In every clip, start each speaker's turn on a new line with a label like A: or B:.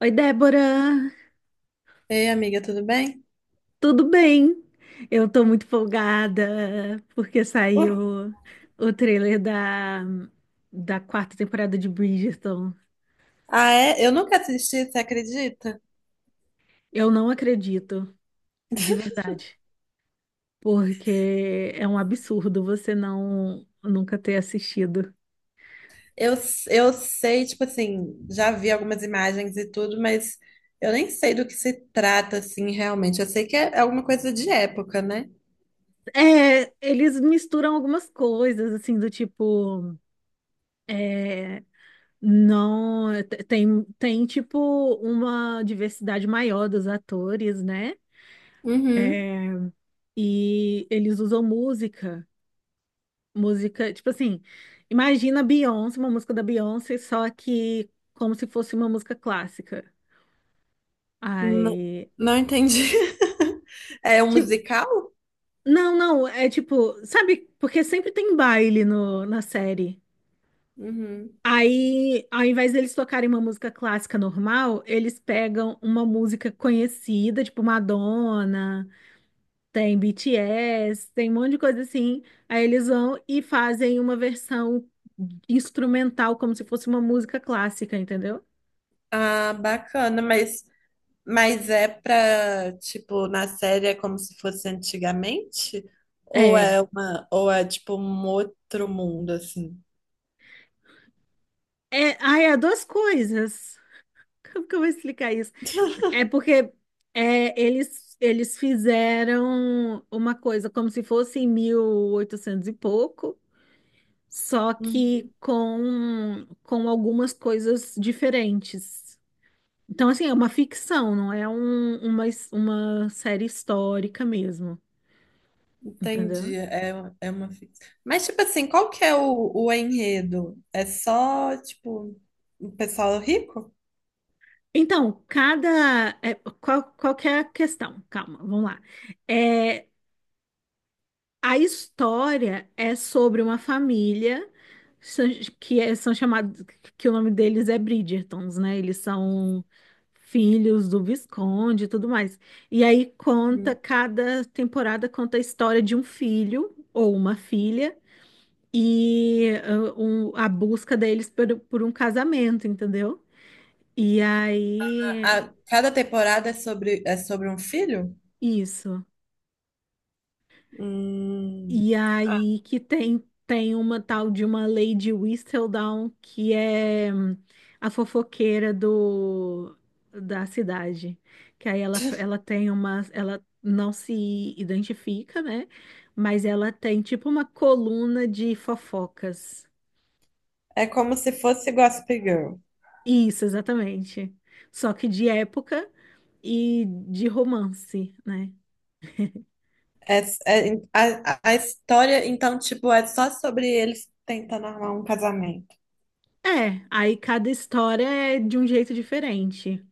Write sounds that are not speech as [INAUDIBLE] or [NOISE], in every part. A: Oi, Débora,
B: Ei, amiga, tudo bem?
A: tudo bem? Eu tô muito folgada porque
B: Uh,
A: saiu o trailer da quarta temporada de Bridgerton.
B: ah, é? Eu nunca assisti, você acredita?
A: Eu não acredito, de verdade, porque é um absurdo você não nunca ter assistido.
B: Eu, eu sei, tipo assim, já vi algumas imagens e tudo, mas eu nem sei do que se trata, assim, realmente. Eu sei que é alguma coisa de época, né?
A: É, eles misturam algumas coisas, assim, do tipo, é, não, tem tipo uma diversidade maior dos atores, né?
B: Uhum.
A: E eles usam música, tipo assim, imagina Beyoncé, uma música da Beyoncé, só que como se fosse uma música clássica.
B: Não,
A: Aí,
B: não entendi. [LAUGHS] É um
A: tipo,
B: musical?
A: não, é tipo, sabe, porque sempre tem baile no, na série.
B: Uhum.
A: Aí, ao invés deles tocarem uma música clássica normal, eles pegam uma música conhecida, tipo Madonna, tem BTS, tem um monte de coisa assim. Aí eles vão e fazem uma versão instrumental, como se fosse uma música clássica, entendeu?
B: Ah, bacana, mas, é pra, tipo, na série é como se fosse antigamente? Ou
A: É.
B: é uma, ou é tipo um outro mundo, assim?
A: É, ai, é duas coisas. Como que eu vou explicar isso? É porque eles fizeram uma coisa como se fosse em 1800 e pouco, só
B: Hum,
A: que com algumas coisas diferentes. Então, assim, é uma ficção, não é uma, uma série histórica mesmo,
B: entendi.
A: entendeu?
B: É uma ficção. Mas, tipo assim, qual que é o enredo? É só, tipo, o pessoal rico?
A: Então, cada. É, qual que é a questão? Calma, vamos lá. É, a história é sobre uma família são- são chamados. Que o nome deles é Bridgertons, né? Eles são filhos do Visconde e tudo mais. E aí conta,
B: Hum.
A: cada temporada conta a história de um filho ou uma filha e a busca deles por um casamento, entendeu? E
B: A-
A: aí,
B: a- cada temporada é sobre um filho?
A: isso.
B: Hum,
A: E aí que tem uma tal de uma Lady Whistledown, que é a fofoqueira da cidade. Que aí ela tem uma. Ela não se identifica, né? Mas ela tem tipo uma coluna de fofocas.
B: é como se fosse Gossip Girl.
A: Isso, exatamente. Só que de época, e de romance, né?
B: É, a história, então, tipo, é só sobre eles tentando armar um casamento.
A: É, aí cada história é de um jeito diferente.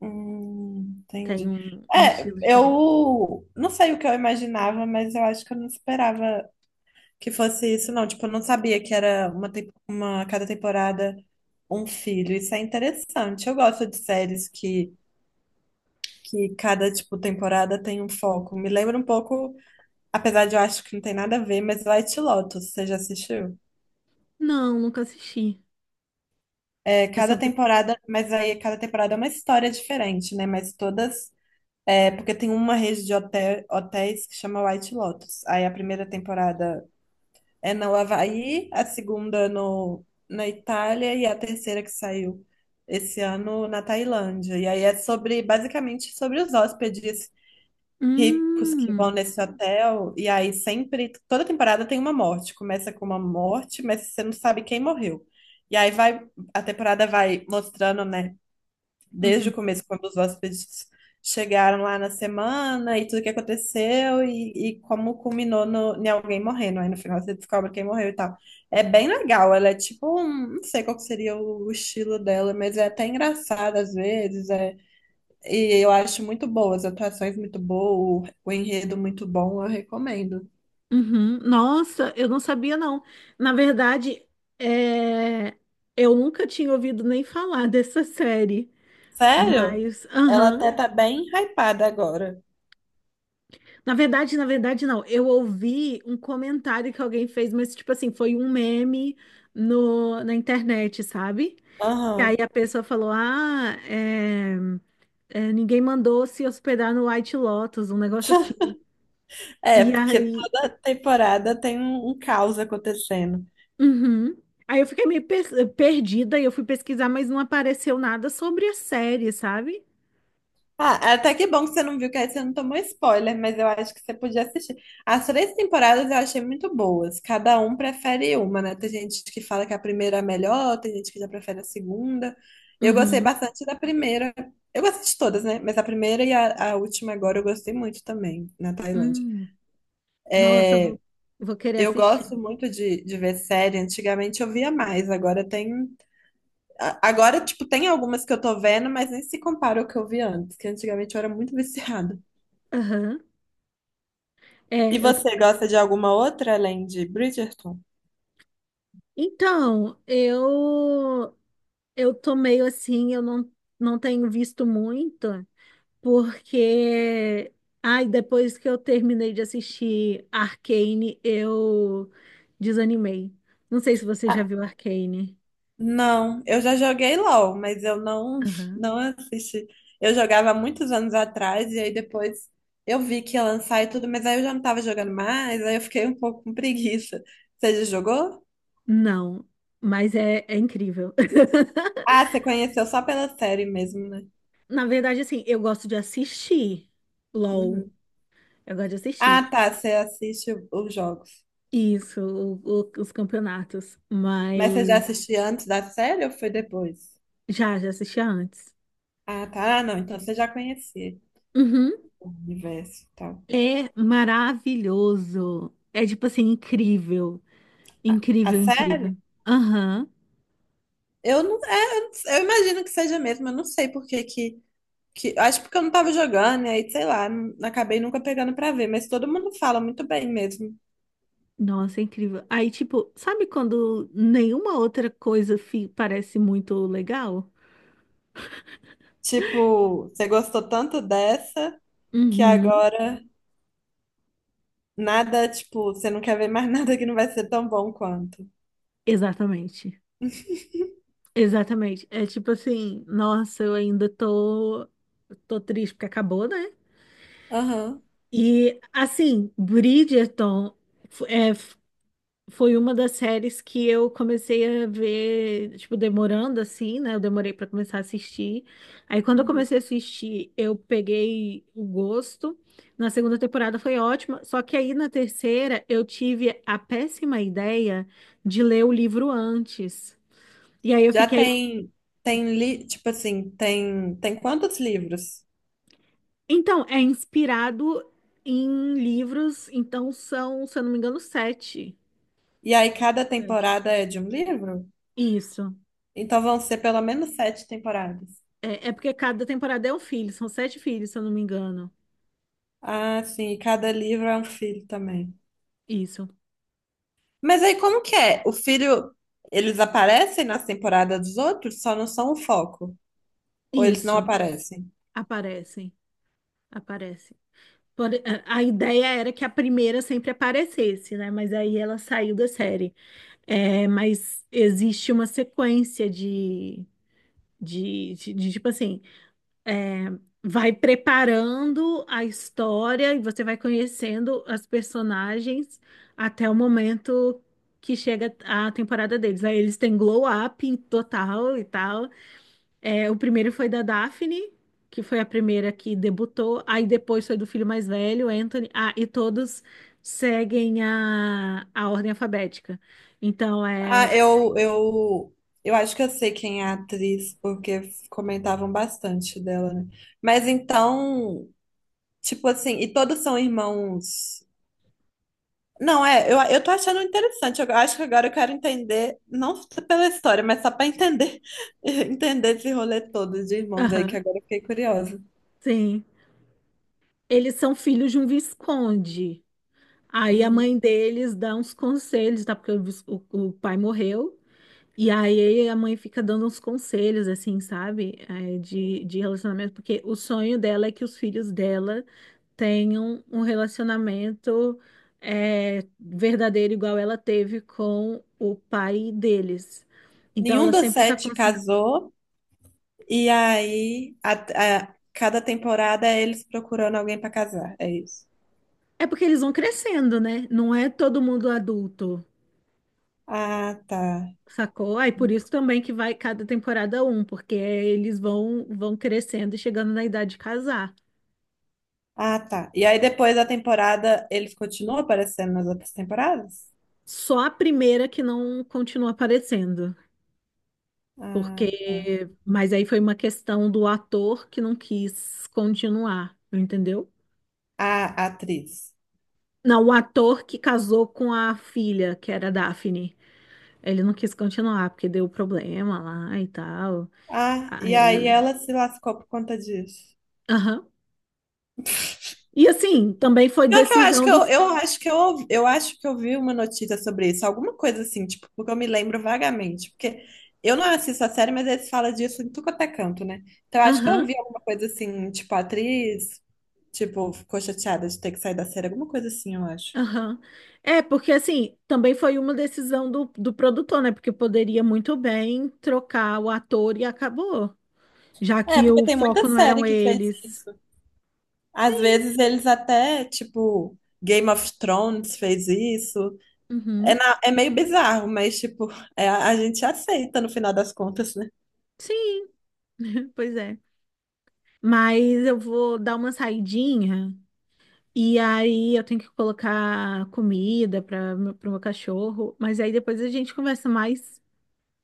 A: Tem
B: Entendi.
A: um
B: É,
A: estilo diferente.
B: eu não sei o que eu imaginava, mas eu acho que eu não esperava que fosse isso, não. Tipo, eu não sabia que era uma cada temporada um filho. Isso é interessante. Eu gosto de séries que cada, tipo, temporada tem um foco. Me lembra um pouco, apesar de eu acho que não tem nada a ver, mas White Lotus, você já assistiu?
A: Não, nunca assisti.
B: É,
A: É sobre.
B: mas aí cada temporada é uma história diferente, né? Mas todas. É, porque tem uma rede de hotel, hotéis que chama White Lotus. Aí a primeira temporada é no Havaí, a segunda no, na Itália e a terceira que saiu esse ano na Tailândia. E aí é sobre, basicamente, sobre os hóspedes ricos que vão
A: Hum,
B: nesse hotel. E aí sempre, toda temporada tem uma morte. Começa com uma morte, mas você não sabe quem morreu. E aí vai, a temporada vai mostrando, né, desde o
A: uhum,
B: começo, quando os hóspedes chegaram lá na semana e tudo que aconteceu e como culminou no, em alguém morrendo. Aí no final você descobre quem morreu e tal. É bem legal, ela é tipo, não sei qual que seria o estilo dela, mas é até engraçada às vezes. É, e eu acho muito boa, as atuações muito boas, o enredo muito bom, eu recomendo.
A: uhum. Nossa, eu não sabia, não. Na verdade, é, eu nunca tinha ouvido nem falar [LAUGHS] dessa série.
B: Sério?
A: Mas,
B: Ela
A: aham.
B: até tá bem hypada agora.
A: Na verdade, não. Eu ouvi um comentário que alguém fez, mas, tipo assim, foi um meme no, na internet, sabe? E aí
B: Aham.
A: a pessoa falou: Ah, ninguém mandou se hospedar no White Lotus, um negócio assim. E
B: É, porque
A: aí,
B: toda temporada tem um caos acontecendo.
A: uhum. Aí eu fiquei meio perdida e eu fui pesquisar, mas não apareceu nada sobre a série, sabe?
B: Ah, até que bom que você não viu, que aí você não tomou spoiler, mas eu acho que você podia assistir. As três temporadas eu achei muito boas. Cada um prefere uma, né? Tem gente que fala que a primeira é a melhor, tem gente que já prefere a segunda. Eu gostei
A: Uhum.
B: bastante da primeira. Eu gostei de todas, né? Mas a primeira e a última agora eu gostei muito também, na Tailândia.
A: Hum. Nossa,
B: É,
A: vou querer
B: eu
A: assistir.
B: gosto muito de ver série. Antigamente eu via mais, agora tem. Agora, tipo, tem algumas que eu tô vendo, mas nem se compara ao que eu vi antes, que antigamente eu era muito [LAUGHS] viciada.
A: Aham.
B: E
A: É, eu... t-
B: você gosta de alguma outra além de Bridgerton?
A: Então, eu tô meio assim, eu não, não tenho visto muito. Porque, ai, depois que eu terminei de assistir Arcane, eu desanimei. Não sei se você já
B: Ah,
A: viu Arcane.
B: não, eu já joguei LOL, mas eu não,
A: Aham.
B: não assisti. Eu jogava há muitos anos atrás e aí depois eu vi que ia lançar e tudo, mas aí eu já não tava jogando mais, aí eu fiquei um pouco com preguiça. Você já jogou?
A: Não, mas é incrível.
B: Ah,
A: [LAUGHS]
B: você conheceu só pela série mesmo, né?
A: Na verdade, assim, eu gosto de assistir LOL.
B: Uhum.
A: Eu gosto de
B: Ah,
A: assistir.
B: tá, você assiste os jogos.
A: Isso, os campeonatos.
B: Mas você já
A: Mas
B: assistiu antes da série ou foi depois?
A: já assistia antes.
B: Ah, tá, ah, não, então você já conhecia
A: Uhum.
B: o universo e tal.
A: É maravilhoso. É tipo assim, incrível.
B: A
A: Incrível,
B: série?
A: incrível. Aham.
B: Eu não Eu imagino que seja mesmo, eu não sei por que que acho porque eu não tava jogando, e aí, sei lá, acabei nunca pegando pra ver, mas todo mundo fala muito bem mesmo.
A: Nossa, incrível. Aí, tipo, sabe quando nenhuma outra coisa parece muito legal?
B: Tipo, você gostou tanto dessa que
A: Uhum.
B: agora nada, tipo, você não quer ver mais [LAUGHS] nada que não vai ser tão bom quanto.
A: Exatamente. Exatamente. É tipo assim, nossa, tô triste porque acabou, né?
B: Aham.
A: E assim, Bridgerton foi uma das séries que eu comecei a ver, tipo, demorando assim, né? Eu demorei pra começar a assistir. Aí quando eu
B: Uhum.
A: comecei a assistir, eu peguei o gosto. Na segunda temporada foi ótima, só que aí na terceira eu tive a péssima ideia de ler o livro antes. E aí eu
B: Já
A: fiquei,
B: tem, tipo assim, tem quantos livros?
A: então, é inspirado em livros, então são, se eu não me engano, sete.
B: E aí cada
A: Sete.
B: temporada é de um livro?
A: Isso.
B: Então vão ser pelo menos sete temporadas.
A: É, é porque cada temporada é um filho, são sete filhos, se eu não me engano.
B: Ah, sim, e cada livro é um filho também.
A: Isso,
B: Mas aí como que é? O filho, eles aparecem nas temporadas dos outros, só não são o foco. Ou eles não
A: isso,
B: aparecem?
A: aparecem, aparecem. Por- a ideia era que a primeira sempre aparecesse, né? Mas aí ela saiu da série. É, mas existe uma sequência de, tipo assim, é, vai preparando a história e você vai conhecendo as personagens até o momento que chega a temporada deles. Aí eles têm glow up em total e tal. É, o primeiro foi da Daphne, que foi a primeira que debutou. Aí depois foi do filho mais velho, Anthony. Ah, e todos seguem a ordem alfabética. Então é.
B: Ah, eu acho que eu sei quem é a atriz, porque comentavam bastante dela, né? Mas então, tipo assim, e todos são irmãos. Não, é, eu tô achando interessante. Eu acho que agora eu quero entender, não só pela história, mas só para entender, [LAUGHS] entender esse rolê todo de irmãos aí, que
A: Aham,
B: agora eu fiquei curiosa.
A: sim. Eles são filhos de um visconde. Aí a
B: Hum.
A: mãe deles dá uns conselhos, tá? Porque o pai morreu. E aí a mãe fica dando uns conselhos, assim, sabe? É, de relacionamento, porque o sonho dela é que os filhos dela tenham um relacionamento verdadeiro, igual ela teve com o pai deles. Então
B: Nenhum
A: ela
B: dos
A: sempre tá
B: sete
A: consciente.
B: casou, e aí cada temporada é eles procurando alguém para casar. É isso.
A: É porque eles vão crescendo, né? Não é todo mundo adulto,
B: Ah, tá.
A: sacou? Aí por isso também que vai cada temporada um, porque eles vão crescendo e chegando na idade de casar.
B: Ah, tá. E aí depois da temporada eles continuam aparecendo nas outras temporadas?
A: Só a primeira que não continua aparecendo,
B: Ah, tá.
A: porque mas aí foi uma questão do ator que não quis continuar, entendeu?
B: Ah, a atriz.
A: Não, o ator que casou com a filha, que era a Daphne, ele não quis continuar porque deu problema lá e tal.
B: Ah, e aí
A: Aí,
B: ela se lascou por conta disso.
A: aham. E assim, também foi
B: Pior que eu acho
A: decisão
B: que
A: dos,
B: eu acho que eu vi uma notícia sobre isso, alguma coisa assim, tipo, porque eu me lembro vagamente, porque eu não assisto a série, mas eles falam disso em tudo quanto é canto, né? Então eu acho que eu
A: aham,
B: vi alguma coisa assim, tipo, a atriz, tipo, ficou chateada de ter que sair da série, alguma coisa assim, eu acho.
A: aham. É, porque assim, também foi uma decisão do produtor, né? Porque poderia muito bem trocar o ator e acabou. Já
B: É,
A: que
B: porque
A: o
B: tem muita
A: foco não
B: série
A: eram
B: que fez
A: eles.
B: isso. Às
A: Sim,
B: vezes eles até, tipo, Game of Thrones fez isso. É,
A: uhum,
B: é meio bizarro, mas, tipo, é, a gente aceita no final das contas, né?
A: sim, [LAUGHS] pois é. Mas eu vou dar uma saidinha e aí eu tenho que colocar comida para para o meu pra meu cachorro. Mas aí depois a gente conversa mais.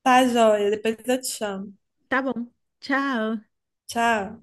B: Tá, joia. Depois eu te chamo.
A: Tá bom. Tchau.
B: Tchau.